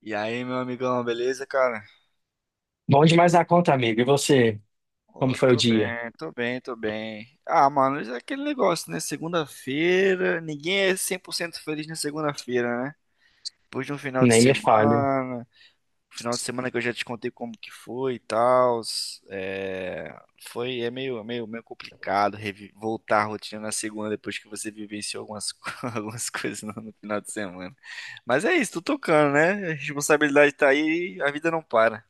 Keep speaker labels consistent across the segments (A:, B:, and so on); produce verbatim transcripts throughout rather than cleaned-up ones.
A: E aí, meu amigão, beleza, cara?
B: Bom demais na conta, amigo. E você? Como
A: Ô,
B: foi o
A: tô
B: dia?
A: bem, tô bem, tô bem. Ah, mano, isso é aquele negócio, né? Segunda-feira, ninguém é cem por cento feliz na segunda-feira, né? Depois de um final de
B: Nem me fale.
A: semana, final de semana que eu já te contei como que foi e tal, é... foi, é meio, meio, meio complicado revi- voltar à rotina na segunda depois que você vivenciou algumas, co- algumas coisas no, no final de semana. Mas é isso, tô tocando, né? A responsabilidade tá aí, e a vida não para.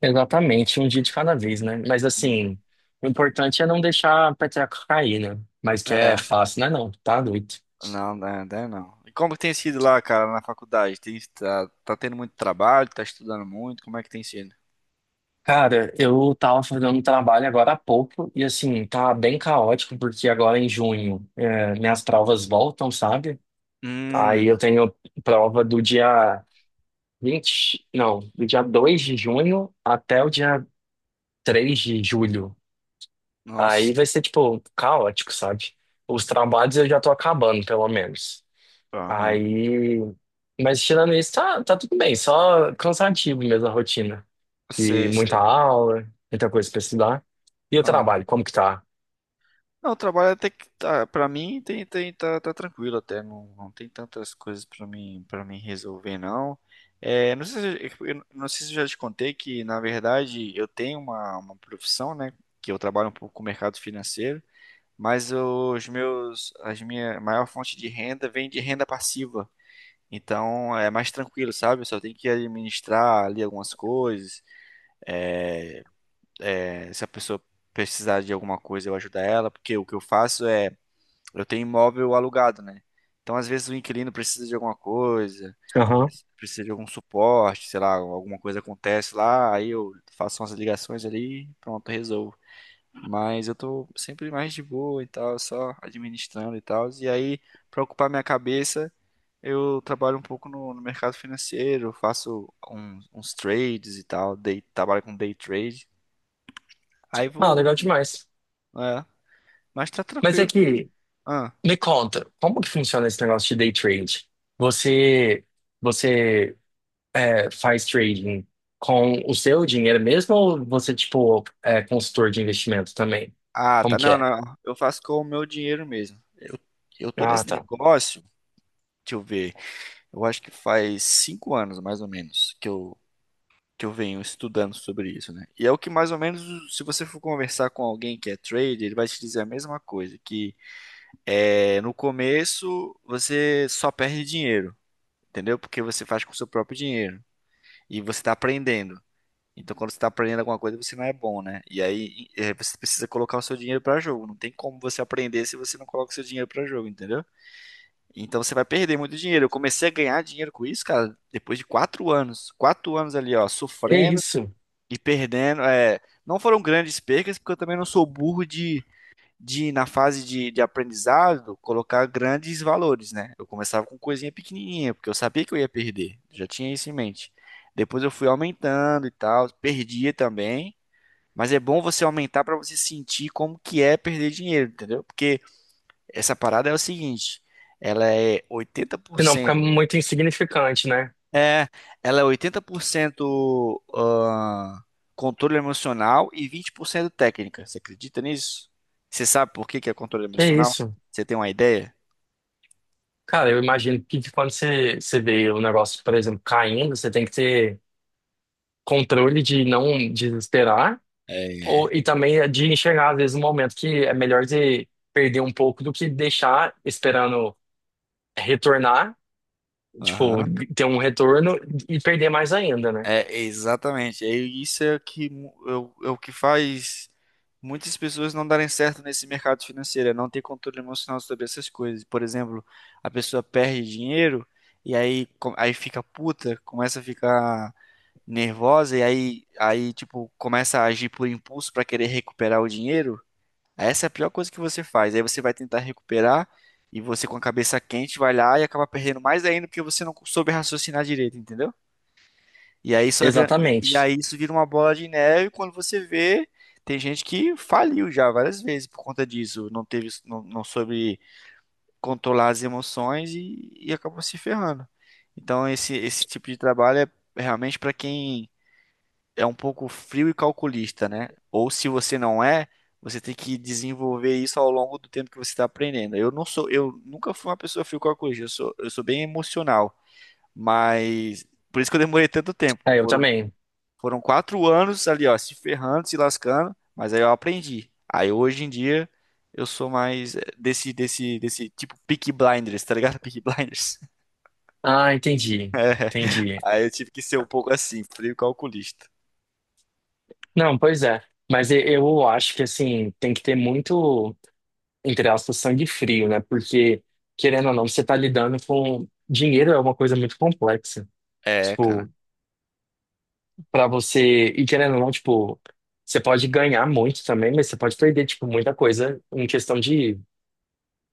B: Exatamente, um dia de cada vez, né? Mas
A: Hum.
B: assim, o importante é não deixar a peteca cair, né? Mas que é
A: É.
B: fácil, né? Não, tá doido.
A: Não, não, não, não. E como que tem sido lá, cara, na faculdade? Tem, tá, tá tendo muito trabalho, tá estudando muito, como é que tem sido?
B: Cara, eu tava fazendo um trabalho agora há pouco e assim, tá bem caótico porque agora em junho é, minhas provas voltam, sabe? Aí
A: Hum.
B: eu tenho prova do dia vinte, não, do dia dois de junho até o dia três de julho.
A: Nossa.
B: Aí vai ser, tipo, caótico, sabe? Os trabalhos eu já tô acabando, pelo menos.
A: Aham.
B: Aí. Mas tirando isso, tá, tá tudo bem. Só cansativo mesmo a rotina. E
A: Sei,
B: muita
A: sei.
B: aula, muita coisa pra estudar. E o
A: Aham.
B: trabalho, como que tá?
A: Não, o trabalho até que tá, pra mim tem, tem, tá, tá tranquilo até, não, não tem tantas coisas pra mim, para mim resolver, não. É, não sei se, eu eu não sei se eu já te contei que, na verdade, eu tenho uma, uma profissão, né, que eu trabalho um pouco com o mercado financeiro, mas os meus, as minha maior fonte de renda vem de renda passiva. Então é mais tranquilo, sabe? Eu só tenho que administrar ali algumas coisas. É, se a pessoa precisar de alguma coisa, eu ajudo ela, porque o que eu faço é, eu tenho imóvel alugado, né? Então às vezes o inquilino precisa de alguma coisa,
B: Aham.
A: preci- precisa de algum suporte, sei lá, alguma coisa acontece lá, aí eu faço umas ligações ali, pronto, resolvo. Mas eu tô sempre mais de boa e tal, só administrando e tal. E aí, para ocupar minha cabeça, eu trabalho um pouco no, no mercado financeiro, faço uns, uns trades e tal, day, trabalho com day trade. Aí
B: Ah,
A: vou,
B: legal demais.
A: é, mas tá
B: Mas é
A: tranquilo.
B: que,
A: Ah,
B: me conta, como que funciona esse negócio de day trade? Você. Você é, faz trading com o seu dinheiro mesmo ou você, tipo, é consultor de investimento também?
A: ah,
B: Como
A: tá,
B: que
A: não,
B: é?
A: não, eu faço com o meu dinheiro mesmo. Eu, eu tô
B: Ah,
A: nesse
B: tá.
A: negócio, deixa eu ver, eu acho que faz cinco anos mais ou menos que eu que eu venho estudando sobre isso, né? E é o que mais ou menos, se você for conversar com alguém que é trader, ele vai te dizer a mesma coisa, que é, no começo você só perde dinheiro, entendeu? Porque você faz com o seu próprio dinheiro e você está aprendendo. Então, quando você está aprendendo alguma coisa, você não é bom, né? E aí é, você precisa colocar o seu dinheiro para jogo. Não tem como você aprender se você não coloca o seu dinheiro para jogo, entendeu? Então você vai perder muito dinheiro. Eu comecei a ganhar dinheiro com isso, cara, depois de quatro anos. Quatro anos ali, ó,
B: Que
A: sofrendo
B: isso?
A: e perdendo, é, não foram grandes percas, porque eu também não sou burro de, de na fase de, de aprendizado, colocar grandes valores, né? Eu começava com coisinha pequenininha, porque eu sabia que eu ia perder, já tinha isso em mente. Depois eu fui aumentando e tal, perdia também, mas é bom você aumentar para você sentir como que é perder dinheiro, entendeu? Porque essa parada é o seguinte, ela é oitenta por
B: Se não fica
A: cento
B: muito insignificante, né?
A: é, ela é oitenta por cento ah, controle emocional e vinte por cento técnica. Você acredita nisso? Você sabe por que que é controle
B: Que
A: emocional?
B: isso?
A: Você tem uma ideia?
B: Cara, eu imagino que de quando você, você vê o negócio, por exemplo, caindo, você tem que ter controle de não desesperar
A: É.
B: ou, e também é de enxergar, às vezes, um momento que é melhor de perder um pouco do que deixar esperando retornar, tipo,
A: Aham.
B: ter um retorno e perder mais ainda, né?
A: É, exatamente. É isso é o que mu- é o é o que faz muitas pessoas não darem certo nesse mercado financeiro, é não ter controle emocional sobre essas coisas. Por exemplo, a pessoa perde dinheiro e aí, co- aí fica puta, começa a ficar nervosa e aí, aí tipo, começa a agir por impulso para querer recuperar o dinheiro, essa é a pior coisa que você faz. Aí você vai tentar recuperar e você com a cabeça quente vai lá e acaba perdendo mais ainda porque você não soube raciocinar direito, entendeu? E aí só vira- e, e
B: Exatamente.
A: aí isso vira uma bola de neve e quando você vê, tem gente que faliu já várias vezes por conta disso, não teve, não, não soube controlar as emoções e, e acabou se ferrando. Então esse esse tipo de trabalho é realmente para quem é um pouco frio e calculista, né? Ou se você não é, você tem que desenvolver isso ao longo do tempo que você está aprendendo. Eu não sou, eu nunca fui uma pessoa frio e calculista, eu sou, eu sou bem emocional, mas por isso que eu demorei tanto tempo.
B: É, eu
A: Foram,
B: também.
A: foram quatro anos ali, ó, se ferrando, se lascando, mas aí eu aprendi. Aí hoje em dia eu sou mais eh, desse, desse, desse tipo Peaky Blinders, tá ligado? Peaky Blinders.
B: Ah, entendi. Entendi.
A: Aí eu tive que ser um pouco assim, frio e calculista.
B: Não, pois é. Mas e- eu acho que, assim, tem que ter muito, entre aspas, sangue frio, né? Porque, querendo ou não, você tá lidando com. Dinheiro é uma coisa muito complexa.
A: É, cara.
B: Tipo, pra você. E querendo ou não, tipo, você pode ganhar muito também, mas você pode perder, tipo, muita coisa em questão de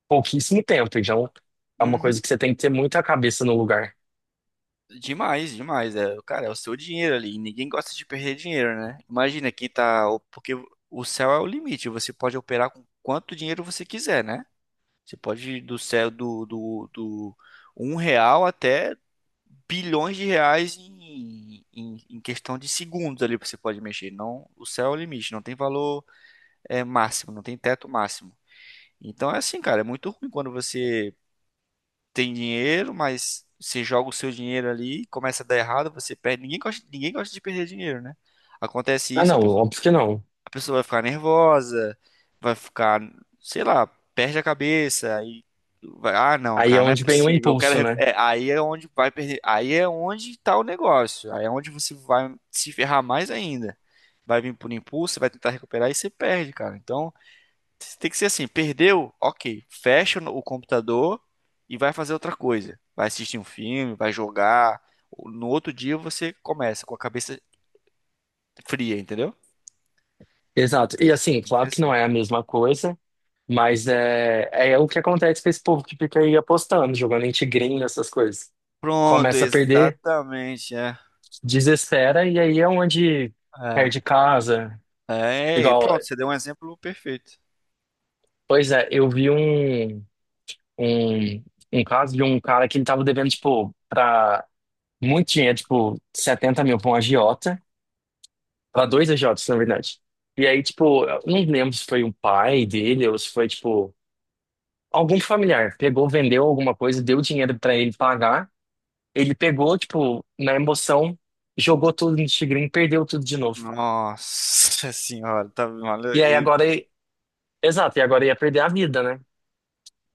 B: pouquíssimo tempo. Então, é uma coisa
A: Uhum.
B: que você tem que ter muita cabeça no lugar.
A: Demais, demais. É, cara, é o seu dinheiro ali. E Ninguém gosta de perder dinheiro, né? Imagina que tá. o- Porque o céu é o limite. Você pode operar com quanto dinheiro você quiser, né? Você pode ir do céu do, do, do um real até bilhões de reais em, em, em questão de segundos ali você pode mexer. Não, o céu é o limite. Não tem valor é, máximo, não tem teto máximo. Então é assim, cara. É muito ruim quando você tem dinheiro, mas você joga o seu dinheiro ali, começa a dar errado, você perde. Ninguém gosta, ninguém gosta de perder dinheiro, né? Acontece
B: Ah,
A: isso, a
B: não,
A: pessoa,
B: óbvio que não.
A: a pessoa vai ficar nervosa, vai ficar, sei lá, perde a cabeça e vai, ah, não,
B: Aí é
A: cara, não é
B: onde vem o
A: possível. Eu quero,
B: impulso,
A: recu-
B: né?
A: é, aí é onde vai perder, aí é onde tá o negócio, aí é onde você vai se ferrar mais ainda. Vai vir por impulso, vai tentar recuperar e você perde, cara. Então, tem que ser assim, perdeu? Ok, fecha o computador e vai fazer outra coisa. Vai assistir um filme, vai jogar. No outro dia você começa com a cabeça fria, entendeu?
B: Exato. E assim,
A: Tem que ser
B: claro que
A: assim.
B: não é a mesma coisa, mas é, é o que acontece com esse povo que fica aí apostando, jogando em tigrinho, essas coisas.
A: Pronto,
B: Começa a perder,
A: exatamente, é.
B: desespera, e aí é onde perde casa.
A: É, é, e
B: Igual,
A: pronto, você deu um exemplo perfeito.
B: pois é, eu vi um, um, um caso de um cara que ele tava devendo, tipo, pra muito dinheiro, tipo, setenta mil pra um agiota, pra dois agiotas, na verdade. E aí, tipo, eu não lembro se foi um pai dele ou se foi, tipo. Algum familiar pegou, vendeu alguma coisa, deu dinheiro pra ele pagar. Ele pegou, tipo, na emoção, jogou tudo no tigrinho, perdeu tudo de novo.
A: Nossa senhora, tá, olha
B: E aí
A: aí,
B: agora, ele- exato, e agora ia perder a vida, né?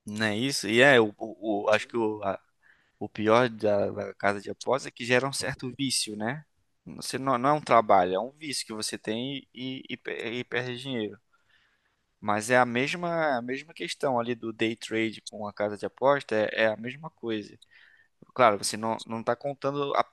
A: não é isso? E é, o, o- o- acho que o, o pior da, da casa de aposta é que gera um certo vício, né? Você não, não é um trabalho, é um vício que você tem e, e, pe- e perde dinheiro. Mas é a mesma, a mesma questão ali do day trade com a casa de aposta, é, é a mesma coisa. Claro, você não, não tá contando a-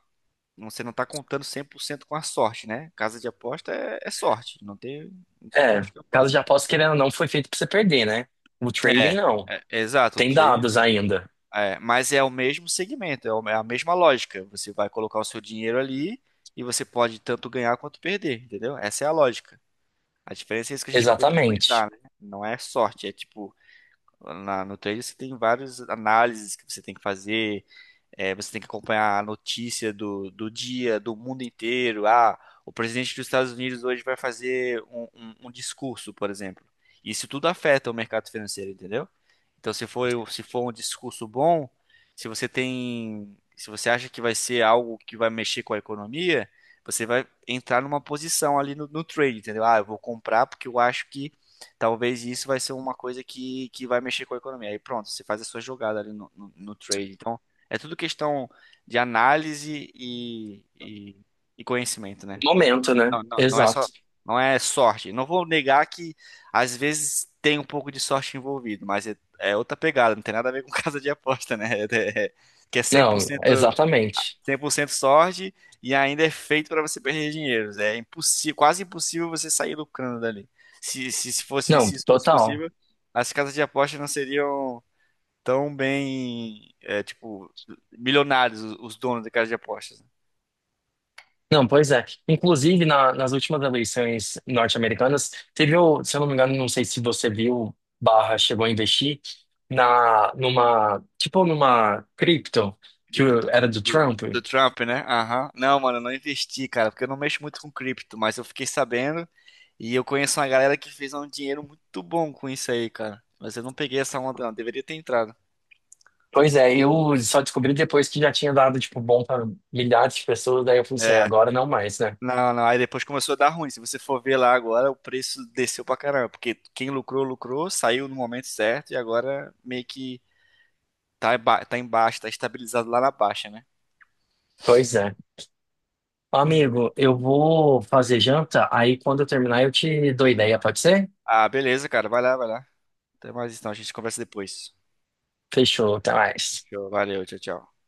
A: você não tá contando cem por cento com a sorte, né? Casa de aposta é, é sorte, não tem, não tem pra onde
B: É,
A: escapar.
B: casa de aposta, querendo ou não, foi feito pra você perder, né? O trading
A: É,
B: não.
A: é, exato, o
B: Tem
A: trade
B: dados ainda.
A: É, mas é o mesmo segmento, é o- é a mesma lógica. Você vai colocar o seu dinheiro ali e você pode tanto ganhar quanto perder, entendeu? Essa é a lógica. A diferença é isso que a gente acabou de
B: Exatamente.
A: comentar, né? Não é sorte, é tipo, na- no trade você tem várias análises que você tem que fazer, é, você tem que acompanhar a notícia do, do dia, do mundo inteiro. Ah, o presidente dos Estados Unidos hoje vai fazer um, um um discurso, por exemplo. Isso tudo afeta o mercado financeiro, entendeu? Então, se for, se for um discurso bom, se você tem, se você acha que vai ser algo que vai mexer com a economia, você vai entrar numa posição ali no, no trade, entendeu? Ah, eu vou comprar porque eu acho que talvez isso vai ser uma coisa que, que vai mexer com a economia. Aí pronto, você faz a sua jogada ali no, no, no trade. Então, é tudo questão de análise e, e, e conhecimento, né?
B: Momento, né?
A: Não, não, não é só,
B: Exato.
A: não é sorte. Não vou negar que às vezes tem um pouco de sorte envolvido, mas é, é outra pegada, não tem nada a ver com casa de aposta, né? É- é- é, que é cem por
B: Não,
A: cento
B: exatamente.
A: cem por cento sorte e ainda é feito para você perder dinheiro. É impossível, quase impossível você sair lucrando dali. Se, se, se fosse,
B: Não,
A: se isso fosse
B: total.
A: possível, as casas de aposta não seriam tão bem, é, tipo, milionários os, os donos de casas de apostas, né?
B: Não, pois é. Inclusive, na- nas últimas eleições norte-americanas, teve, o- se eu não me engano, não sei se você viu, barra, chegou a investir na, numa, tipo, numa cripto que
A: Cripto do,
B: era do
A: do-
B: Trump.
A: do Trump, né? Aham. Não, mano, eu não investi, cara, porque eu não mexo muito com cripto, mas eu fiquei sabendo e eu conheço uma galera que fez um dinheiro muito bom com isso aí, cara. Mas eu não peguei essa onda, não. Deveria ter entrado.
B: Pois é, eu só descobri depois que já tinha dado, tipo, bom para milhares de pessoas, daí eu falei assim, "É,
A: É.
B: agora não mais, né?
A: Não, não. Aí depois começou a dar ruim. Se você for ver lá agora, o preço desceu pra caramba. Porque quem lucrou, lucrou, saiu no momento certo e agora meio que tá, ba- tá embaixo, tá estabilizado lá na baixa, né?
B: Pois é.
A: Pois é.
B: Amigo, eu vou fazer janta, aí quando eu terminar eu te dou ideia, pode ser?
A: Ah, beleza, cara. Vai lá, vai lá. Até mais então. A gente conversa depois.
B: Fechou, até mais.
A: Show. Valeu, tchau, tchau.